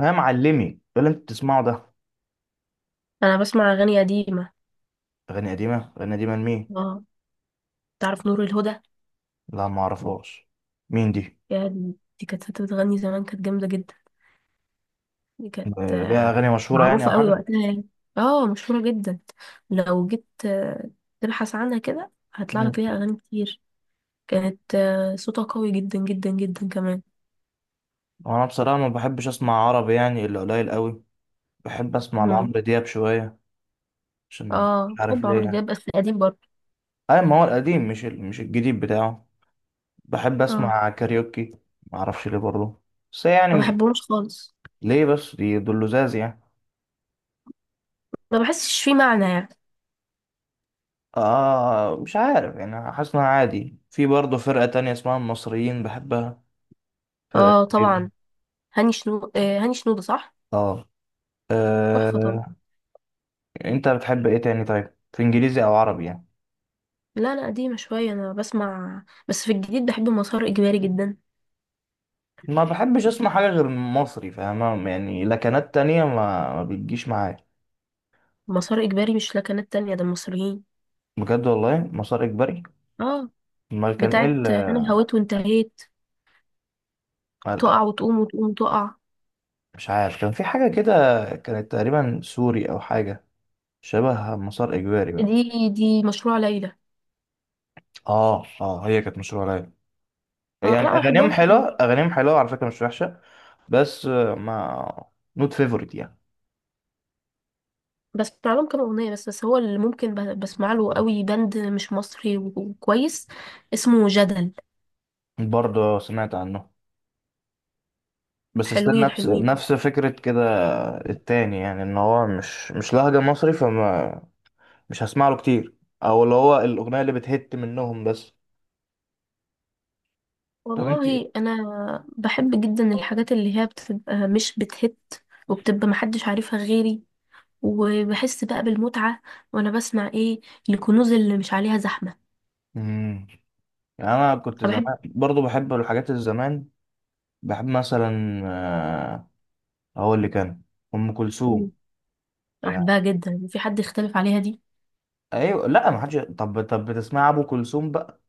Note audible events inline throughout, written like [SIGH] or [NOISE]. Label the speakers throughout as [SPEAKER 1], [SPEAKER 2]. [SPEAKER 1] يا معلمي، ايه اللي انت بتسمعه ده؟
[SPEAKER 2] انا بسمع اغاني قديمه.
[SPEAKER 1] اغاني قديمه اغاني قديمه لمين؟
[SPEAKER 2] اه. تعرف نور الهدى؟
[SPEAKER 1] لا، ما اعرفهاش. مين دي؟
[SPEAKER 2] يا دي. دي كانت ست بتغني زمان، كانت جامده جدا. دي كانت
[SPEAKER 1] آه، ليها اغاني مشهوره يعني او
[SPEAKER 2] معروفه قوي
[SPEAKER 1] حاجه؟
[SPEAKER 2] وقتها يعني. اه، مشهوره جدا. لو جيت تبحث عنها كده هيطلع
[SPEAKER 1] مم.
[SPEAKER 2] لك ليها اغاني كتير. كانت صوتها قوي جدا جدا جدا كمان.
[SPEAKER 1] وانا بصراحه ما بحبش اسمع عربي يعني الا قليل قوي. بحب اسمع
[SPEAKER 2] مم.
[SPEAKER 1] لعمرو دياب شويه، عشان مش
[SPEAKER 2] اه،
[SPEAKER 1] عارف
[SPEAKER 2] بحب عمرو
[SPEAKER 1] ليه
[SPEAKER 2] دياب
[SPEAKER 1] يعني.
[SPEAKER 2] بس القديم برضه.
[SPEAKER 1] اي ما هو القديم، مش الجديد بتاعه. بحب
[SPEAKER 2] اه،
[SPEAKER 1] اسمع كاريوكي، ما اعرفش ليه برضه، بس
[SPEAKER 2] ما
[SPEAKER 1] يعني.
[SPEAKER 2] بحبهمش خالص.
[SPEAKER 1] ليه بس؟ دي دول لزاز يعني.
[SPEAKER 2] ما بحسش فيه معنى يعني.
[SPEAKER 1] اه، مش عارف يعني، حاسس انها عادي. في برضه فرقه تانية اسمها المصريين، بحبها. فرقه
[SPEAKER 2] اه
[SPEAKER 1] لذيذة.
[SPEAKER 2] طبعا. هاني شنودة، صح؟
[SPEAKER 1] اه.
[SPEAKER 2] تحفه طبعا.
[SPEAKER 1] أه... انت بتحب ايه تاني طيب، في انجليزي او عربي يعني؟
[SPEAKER 2] لا، لا قديمة شوية، أنا بسمع بس في الجديد بحب مسار إجباري جدا.
[SPEAKER 1] ما بحبش اسمع حاجه غير مصري، فاهمة يعني. لكنات تانية ما بتجيش معايا.
[SPEAKER 2] مسار إجباري مش لكنات تانية، ده المصريين.
[SPEAKER 1] بجد والله، مسار اجباري.
[SPEAKER 2] اه،
[SPEAKER 1] امال كان ايه
[SPEAKER 2] بتاعت أنا هويت وانتهيت،
[SPEAKER 1] ما-
[SPEAKER 2] تقع وتقوم وتقوم تقع.
[SPEAKER 1] مش عارف، كان في حاجه كده، كانت تقريبا سوري او حاجه، شبه مسار اجباري بقى.
[SPEAKER 2] دي مشروع ليلى.
[SPEAKER 1] اه، اه، هي كانت مشروع ليلى. يعني
[SPEAKER 2] لا، ما
[SPEAKER 1] اغانيهم
[SPEAKER 2] بحبهمش دول.
[SPEAKER 1] حلوه، اغانيهم حلوه على فكره، مش وحشه. بس ما نوت فيفورت يعني.
[SPEAKER 2] بسمع لهم كام أغنية بس هو اللي ممكن بسمع له قوي، باند مش مصري وكويس، اسمه جدل.
[SPEAKER 1] برضه سمعت عنه، بس استنى،
[SPEAKER 2] حلوين
[SPEAKER 1] نفس
[SPEAKER 2] حلوين.
[SPEAKER 1] نفس فكرة كده التاني يعني، ان هو مش لهجة مصري، فما مش هسمع له كتير، او اللي هو الاغنية اللي بتهت منهم بس. طب انت ايه؟
[SPEAKER 2] والله أنا بحب جدا الحاجات اللي هي بتبقى مش بتهت، وبتبقى محدش عارفها غيري، وبحس بقى بالمتعة. وانا بسمع ايه؟ الكنوز اللي مش عليها زحمة.
[SPEAKER 1] امم. يعني انا كنت
[SPEAKER 2] انا
[SPEAKER 1] زمان
[SPEAKER 2] بحب.
[SPEAKER 1] برضو بحب الحاجات الزمان. بحب مثلا هقول اللي كان، ام
[SPEAKER 2] مم.
[SPEAKER 1] كلثوم. يعني،
[SPEAKER 2] بحبها جدا، في حد يختلف عليها دي؟
[SPEAKER 1] ايوه، لا ما حدش. طب، بتسمع ابو كلثوم بقى؟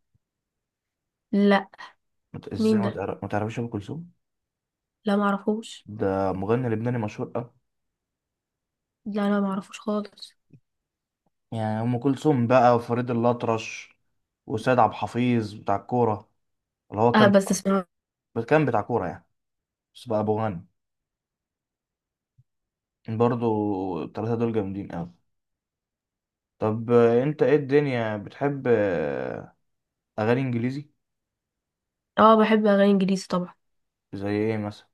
[SPEAKER 2] لا.
[SPEAKER 1] ازاي
[SPEAKER 2] مين ده؟
[SPEAKER 1] ما تعرفش ابو كلثوم؟
[SPEAKER 2] لا معرفوش.
[SPEAKER 1] ده مغني لبناني مشهور.
[SPEAKER 2] لا لا، معرفوش خالص.
[SPEAKER 1] يعني أم كلثوم بقى، وفريد الأطرش، وسيد عبد الحفيظ بتاع الكورة، اللي هو
[SPEAKER 2] اه،
[SPEAKER 1] كان،
[SPEAKER 2] بس اسمع.
[SPEAKER 1] كان بتاع كورة يعني، بس بقى أبو غني. برضو التلاتة دول جامدين أوي. طب أنت إيه الدنيا بتحب، أغاني إنجليزي؟
[SPEAKER 2] اه، بحب اغاني انجليزي طبعا.
[SPEAKER 1] زي إيه مثلا؟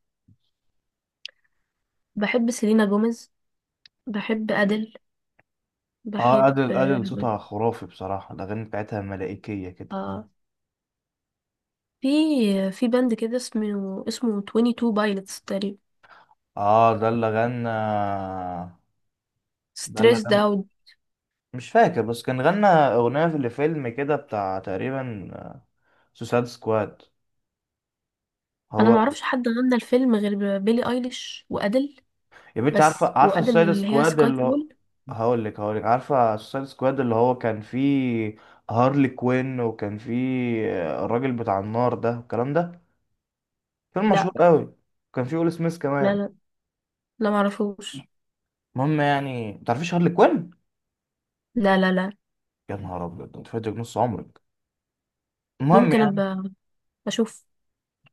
[SPEAKER 2] بحب سيلينا جوميز، بحب ادل،
[SPEAKER 1] آه،
[SPEAKER 2] بحب
[SPEAKER 1] أدل، أدل صوتها خرافي بصراحة، الأغاني بتاعتها ملائكية كده.
[SPEAKER 2] اه في في باند كده اسمه 22 بايلتس تقريبا.
[SPEAKER 1] آه، ده اللي غنى، ده اللي
[SPEAKER 2] ستريسد
[SPEAKER 1] غنى.
[SPEAKER 2] اوت.
[SPEAKER 1] مش فاكر بس، كان غنى أغنية في الفيلم كده بتاع تقريبا سوسايد سكواد،
[SPEAKER 2] انا
[SPEAKER 1] هو.
[SPEAKER 2] معرفش حد غنى الفيلم غير بيلي ايليش وادل.
[SPEAKER 1] يا بنتي، عارفه
[SPEAKER 2] بس
[SPEAKER 1] عارفه
[SPEAKER 2] وادل
[SPEAKER 1] السوسايد
[SPEAKER 2] اللي هي
[SPEAKER 1] سكواد
[SPEAKER 2] سكاي.
[SPEAKER 1] اللي هو. هقول لك، هقول لك، عارفه السوسايد سكواد اللي هو كان فيه هارلي كوين؟ وكان فيه الراجل بتاع النار ده والكلام ده، فيلم مشهور
[SPEAKER 2] لا
[SPEAKER 1] قوي، كان فيه ويل سميث
[SPEAKER 2] لا
[SPEAKER 1] كمان.
[SPEAKER 2] لا. لا معرفوش.
[SPEAKER 1] المهم يعني، ما تعرفيش هارلي كوين؟
[SPEAKER 2] لا لا لا.
[SPEAKER 1] يا نهار ابيض، انت فاتك نص عمرك. المهم
[SPEAKER 2] ممكن
[SPEAKER 1] يعني،
[SPEAKER 2] ابقى اشوف.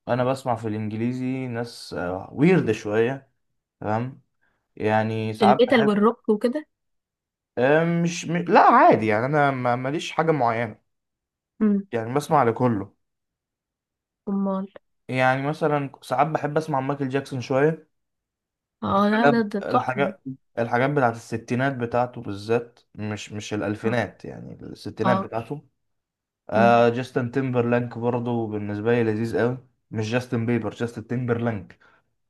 [SPEAKER 1] انا بسمع في الانجليزي ناس ويرد شويه، تمام. يعني ساعات
[SPEAKER 2] الميتال
[SPEAKER 1] بحب
[SPEAKER 2] والروك وكده؟
[SPEAKER 1] آه، مش م... لا، عادي يعني، انا ماليش حاجه معينه،
[SPEAKER 2] امم.
[SPEAKER 1] يعني بسمع لكله.
[SPEAKER 2] امال.
[SPEAKER 1] يعني مثلا ساعات بحب اسمع مايكل جاكسون شويه،
[SPEAKER 2] اه، لا، ده
[SPEAKER 1] حاجات
[SPEAKER 2] ده تحفه.
[SPEAKER 1] الحاجات
[SPEAKER 2] ده
[SPEAKER 1] الحاجات بتاعت الستينات بتاعته بالذات، مش
[SPEAKER 2] اه.
[SPEAKER 1] الالفينات، يعني الستينات
[SPEAKER 2] آه.
[SPEAKER 1] بتاعته.
[SPEAKER 2] مم.
[SPEAKER 1] آه، جاستن تيمبرلانك برضه بالنسبه لي لذيذ قوي. مش جاستن بيبر، جاستن تيمبرلانك.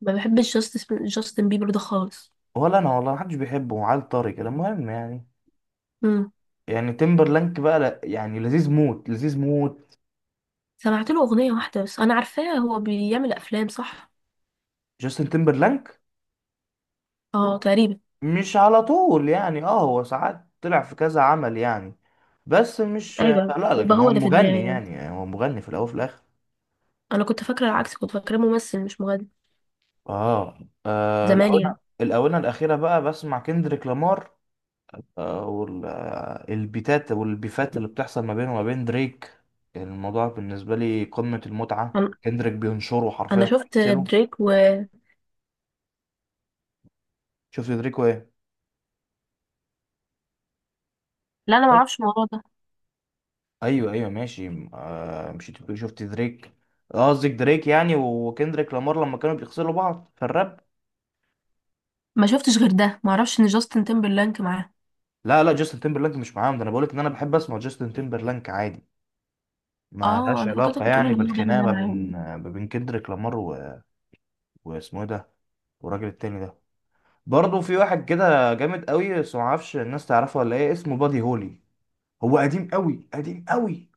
[SPEAKER 2] ما بحبش جاستن بيبر ده خالص.
[SPEAKER 1] ولا انا والله، محدش بيحبه، عيل طري كده. المهم يعني،
[SPEAKER 2] امم.
[SPEAKER 1] يعني تيمبرلانك بقى، لا يعني لذيذ موت، لذيذ موت.
[SPEAKER 2] سمعت له اغنيه واحده بس، انا عارفاه هو بيعمل افلام، صح؟
[SPEAKER 1] جاستن تيمبرلانك،
[SPEAKER 2] اه، تقريبا.
[SPEAKER 1] مش على طول يعني، اه هو ساعات طلع في كذا عمل يعني، بس مش،
[SPEAKER 2] ايوه
[SPEAKER 1] لا لكن
[SPEAKER 2] يبقى
[SPEAKER 1] هو
[SPEAKER 2] هو ده في دماغي
[SPEAKER 1] مغني
[SPEAKER 2] يعني،
[SPEAKER 1] يعني هو مغني في الاول وفي الاخر.
[SPEAKER 2] انا كنت فاكره العكس، كنت فاكره ممثل مش مغني،
[SPEAKER 1] اه, آه
[SPEAKER 2] زمان
[SPEAKER 1] الاونه
[SPEAKER 2] يعني.
[SPEAKER 1] الاونه الاخيره بقى بسمع كندريك لامار. والبيتات والبيفات اللي بتحصل ما بينه وما بين دريك، الموضوع بالنسبه لي قمه المتعه،
[SPEAKER 2] انا،
[SPEAKER 1] كندريك بينشره
[SPEAKER 2] أنا
[SPEAKER 1] حرفيا،
[SPEAKER 2] شفت
[SPEAKER 1] بينزله.
[SPEAKER 2] دريك و.
[SPEAKER 1] شفت دريك وايه؟
[SPEAKER 2] لا انا ما اعرفش الموضوع ده.
[SPEAKER 1] ايوه، ايوه، ماشي. مشيت بتقول شفت دريك، قصدك دريك يعني، وكندريك لامار لما كانوا بيغسلوا بعض في الراب.
[SPEAKER 2] ما شفتش غير ده، ما اعرفش ان جاستن تيمبرلانك معاه.
[SPEAKER 1] لا لا، جاستن تيمبرلانك مش معاهم، ده انا بقولك ان انا بحب اسمع جاستن تيمبرلانك عادي، ما
[SPEAKER 2] اه،
[SPEAKER 1] لهاش
[SPEAKER 2] انا
[SPEAKER 1] علاقه
[SPEAKER 2] فكرتك بتقول
[SPEAKER 1] يعني
[SPEAKER 2] ان هو بيعمل
[SPEAKER 1] بالخناقه
[SPEAKER 2] ده
[SPEAKER 1] ما بين
[SPEAKER 2] معاهم.
[SPEAKER 1] ما بين كندريك لامار و. واسمه إيه ده، والراجل التاني ده؟ برضه في واحد كده جامد قوي، بس ما اعرفش الناس تعرفه ولا ايه، اسمه بادي هولي. هو قديم قوي، قديم قوي،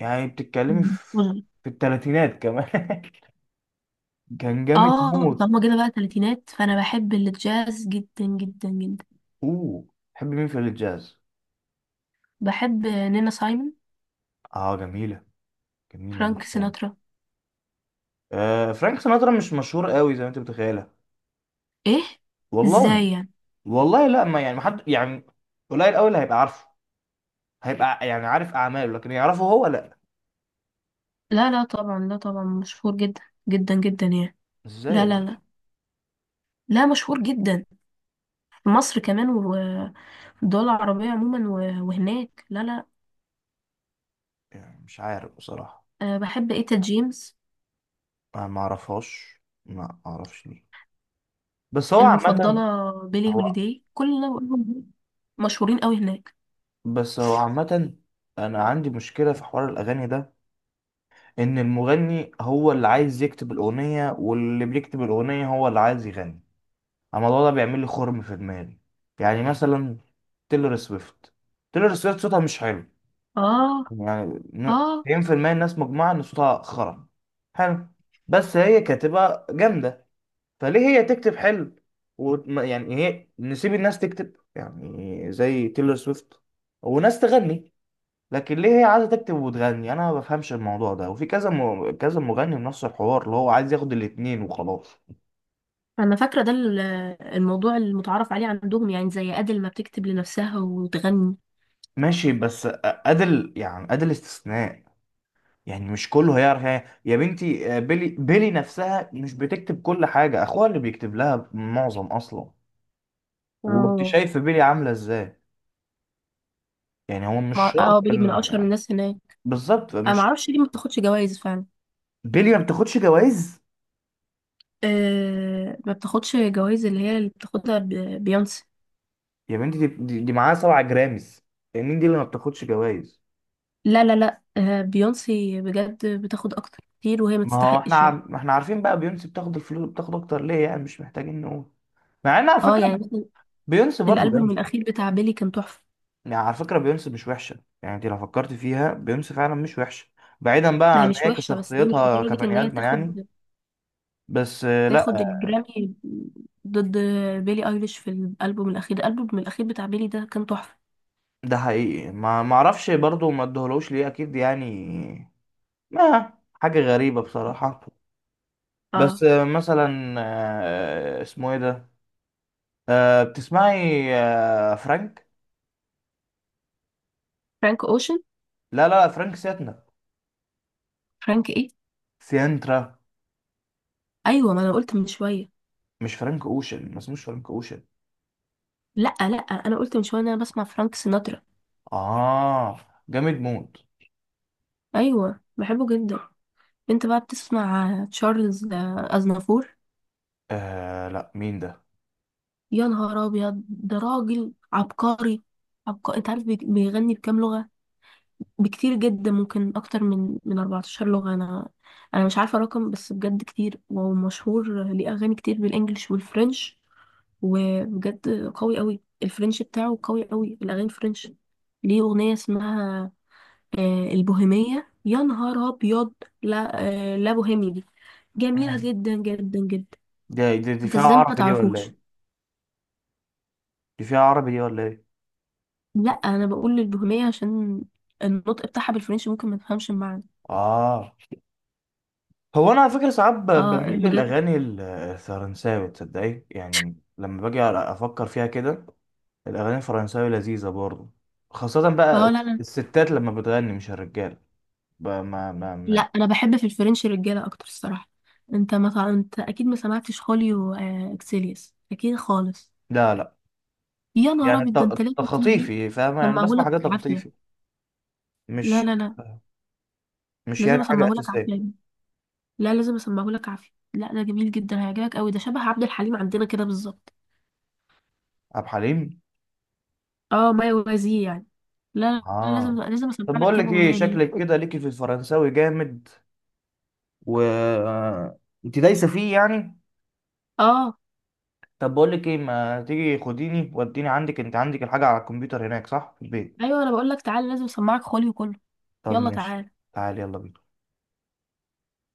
[SPEAKER 1] يعني بتتكلمي
[SPEAKER 2] مم.
[SPEAKER 1] في
[SPEAKER 2] وزن.
[SPEAKER 1] في الثلاثينات كمان [LAUGHS] كان جامد
[SPEAKER 2] اه
[SPEAKER 1] موت.
[SPEAKER 2] طالما جينا بقى تلاتينات، فانا بحب الجاز جدا جدا جدا.
[SPEAKER 1] اوه، تحب مين في الجاز؟
[SPEAKER 2] بحب نينا سايمون،
[SPEAKER 1] اه، جميله، جميله
[SPEAKER 2] فرانك
[SPEAKER 1] المنظومه.
[SPEAKER 2] سيناترا.
[SPEAKER 1] فرانك سيناترا مش مشهور قوي زي ما انت متخيله.
[SPEAKER 2] ايه؟
[SPEAKER 1] والله.
[SPEAKER 2] ازاي يعني؟
[SPEAKER 1] والله لا، ما يعني، ما حد يعني، قليل قوي اللي هيبقى عارفه، هيبقى يعني عارف اعماله، لكن يعرفه هو لا.
[SPEAKER 2] لا لا طبعا، لا طبعا مشهور جدا، جدا جدا يعني.
[SPEAKER 1] ازاي يا
[SPEAKER 2] لا لا
[SPEAKER 1] بنتي؟
[SPEAKER 2] لا. لا، مشهور جدا في مصر كمان، وفي الدول العربية عموما، وهناك. لا لا.
[SPEAKER 1] يعني مش عارف بصراحه.
[SPEAKER 2] أه، بحب ايتا جيمس.
[SPEAKER 1] انا ما اعرفهاش، ما اعرفش ليه، بس هو عامه.
[SPEAKER 2] المفضلة بيلي
[SPEAKER 1] هو،
[SPEAKER 2] هوليداي. كل اللي أنا بقولهم دول مشهورين قوي هناك.
[SPEAKER 1] بس هو عامه، انا عندي مشكله في حوار الاغاني ده، ان المغني هو اللي عايز يكتب الاغنيه، واللي بيكتب الاغنيه هو اللي عايز يغني، الموضوع ده بيعمل لي خرم في دماغي. يعني مثلا تيلر سويفت، تيلر سويفت صوتها مش حلو،
[SPEAKER 2] اه،
[SPEAKER 1] يعني
[SPEAKER 2] اه،
[SPEAKER 1] 90% الناس مجمعة ان صوتها خرا، حلو، بس هي كاتبة جامدة، فليه هي تكتب حلو؟ يعني هي، نسيب الناس تكتب، يعني زي تيلر سويفت، وناس تغني. لكن ليه هي عايزة تكتب وتغني؟ انا ما بفهمش الموضوع ده، وفي كذا كذا مغني بنفس الحوار، اللي هو عايز ياخد الاتنين وخلاص.
[SPEAKER 2] انا فاكره ده الموضوع المتعارف عليه عندهم يعني، زي ادل ما بتكتب لنفسها وتغني.
[SPEAKER 1] ماشي بس أدل يعني، أدل استثناء، يعني مش كله هيعرف. يعني يا بنتي، بيلي، بيلي نفسها مش بتكتب كل حاجة، أخوها اللي بيكتب لها معظم أصلا، وأنت
[SPEAKER 2] اه.
[SPEAKER 1] شايف بيلي عاملة إزاي. يعني هو مش شرط
[SPEAKER 2] بالي من اشهر الناس هناك.
[SPEAKER 1] بالظبط.
[SPEAKER 2] انا ما
[SPEAKER 1] مش
[SPEAKER 2] اعرفش ليه ما بتاخدش جوائز فعلا.
[SPEAKER 1] بيلي ما بتاخدش جوائز،
[SPEAKER 2] أه، ما بتاخدش جوائز، اللي بتاخدها بيونسي.
[SPEAKER 1] يا بنتي دي معاها سبعة جرامز. يعني مين دي اللي ما بتاخدش جوائز؟
[SPEAKER 2] لا لا لا، أه، بيونسي بجد بتاخد اكتر كتير، وهي ما
[SPEAKER 1] ما هو احنا
[SPEAKER 2] تستحقش يعني.
[SPEAKER 1] ما احنا عارفين بقى، بيونسي بتاخد الفلوس، بتاخد أكتر ليه يعني، مش محتاجين نقول. مع إن على
[SPEAKER 2] اه
[SPEAKER 1] فكرة
[SPEAKER 2] يعني مثلا
[SPEAKER 1] بيونسي برضه،
[SPEAKER 2] الالبوم الاخير بتاع بيلي كان تحفه.
[SPEAKER 1] يعني على فكرة بيونس مش وحشة، يعني انت لو فكرت فيها، بيونس فعلا مش وحشة بعيدا
[SPEAKER 2] ما
[SPEAKER 1] بقى
[SPEAKER 2] هي
[SPEAKER 1] عن
[SPEAKER 2] مش
[SPEAKER 1] هي
[SPEAKER 2] وحشه، بس هي مش
[SPEAKER 1] كشخصيتها
[SPEAKER 2] لدرجه ان
[SPEAKER 1] كبني
[SPEAKER 2] هي
[SPEAKER 1] آدمة يعني.
[SPEAKER 2] تاخد
[SPEAKER 1] بس لا،
[SPEAKER 2] تاخد الجرامي ضد بيلي ايليش في الالبوم الاخير. الالبوم الاخير بتاع بيلي ده كان تحفه.
[SPEAKER 1] ده حقيقي، ما اعرفش برضه ما ادهولوش ليه اكيد يعني، ما حاجة غريبة بصراحة. بس
[SPEAKER 2] اه،
[SPEAKER 1] مثلا، اسمه ايه ده؟ بتسمعي فرانك؟
[SPEAKER 2] فرانك اوشن.
[SPEAKER 1] لا لا لا، فرانك سيتنا،
[SPEAKER 2] فرانك ايه؟
[SPEAKER 1] سيانترا،
[SPEAKER 2] ايوه ما انا قلت من شويه.
[SPEAKER 1] مش فرانك اوشن، ما اسموش فرانك اوشن.
[SPEAKER 2] لا لا، انا قلت من شويه ان انا بسمع فرانك سيناترا.
[SPEAKER 1] اه، جامد موت.
[SPEAKER 2] ايوه، بحبه جدا. انت بقى بتسمع تشارلز اznافور؟
[SPEAKER 1] آه، لا مين
[SPEAKER 2] يا نهار ابيض، ده راجل عبقري، عبقري. انت عارف بيغني بكام لغه؟ بكتير جدا، ممكن اكتر من 14 لغة. انا مش عارفة رقم بس بجد كتير، ومشهور ليه اغاني كتير بالانجلش والفرنش. وبجد قوي قوي الفرنش بتاعه، قوي قوي الاغاني الفرنش. ليه اغنية اسمها البوهيمية، يا نهار ابيض. لا، لا بوهيمي دي، جميلة
[SPEAKER 1] ده؟
[SPEAKER 2] جدا جدا جدا.
[SPEAKER 1] دي
[SPEAKER 2] انت
[SPEAKER 1] فيها
[SPEAKER 2] ازاي ما
[SPEAKER 1] عربي دي ولا
[SPEAKER 2] تعرفوش؟
[SPEAKER 1] ايه؟ دي فيها عربي دي ولا ايه؟
[SPEAKER 2] لا، انا بقول البوهيمية عشان النطق بتاعها بالفرنش ممكن ما تفهمش المعنى.
[SPEAKER 1] اه. هو انا على فكره ساعات
[SPEAKER 2] اه
[SPEAKER 1] بميل
[SPEAKER 2] بجد.
[SPEAKER 1] للاغاني الفرنساوي، تصدقي؟ يعني لما باجي افكر فيها كده، الاغاني الفرنساوي لذيذه برضه، خاصه بقى
[SPEAKER 2] اه، لا لا
[SPEAKER 1] الستات لما بتغني مش الرجاله. ب- ما ما
[SPEAKER 2] لا،
[SPEAKER 1] ما
[SPEAKER 2] انا بحب في الفرنش رجاله اكتر الصراحه. انت اكيد ما سمعتش خوليو اكسيليوس، اكيد خالص.
[SPEAKER 1] لا لا،
[SPEAKER 2] يا نهار
[SPEAKER 1] يعني
[SPEAKER 2] ابيض، ده انت لازم تيجي
[SPEAKER 1] تخطيفي، فاهمه يعني، بسمع
[SPEAKER 2] اسمعهولك
[SPEAKER 1] حاجات
[SPEAKER 2] عافيه.
[SPEAKER 1] تخطيفي،
[SPEAKER 2] لا
[SPEAKER 1] مش
[SPEAKER 2] لا لا،
[SPEAKER 1] مش
[SPEAKER 2] لازم
[SPEAKER 1] يعني حاجه
[SPEAKER 2] اسمعهولك
[SPEAKER 1] اساسيه.
[SPEAKER 2] عافيه. لا، لازم اسمعهولك عافيه، لا ده جميل جدا، هيعجبك قوي، ده شبه عبد الحليم عندنا كده بالظبط.
[SPEAKER 1] عبد الحليم.
[SPEAKER 2] اه، ما يوازيه يعني. لا لا لا،
[SPEAKER 1] اه،
[SPEAKER 2] لازم لازم اسمع
[SPEAKER 1] طب
[SPEAKER 2] لك
[SPEAKER 1] بقول
[SPEAKER 2] كام
[SPEAKER 1] لك ايه،
[SPEAKER 2] اغنيه ليه.
[SPEAKER 1] شكلك كده ليكي في الفرنساوي جامد، و انت دايسه فيه يعني.
[SPEAKER 2] اه.
[SPEAKER 1] طب بقول لك ايه، ما تيجي خديني وديني عندك، انت عندك الحاجه على الكمبيوتر هناك صح، في البيت.
[SPEAKER 2] ايوه، انا بقول لك تعالى، لازم اسمعك خوليو كله.
[SPEAKER 1] طب
[SPEAKER 2] يلا
[SPEAKER 1] ماشي.
[SPEAKER 2] تعالى.
[SPEAKER 1] تعالي يلا بينا.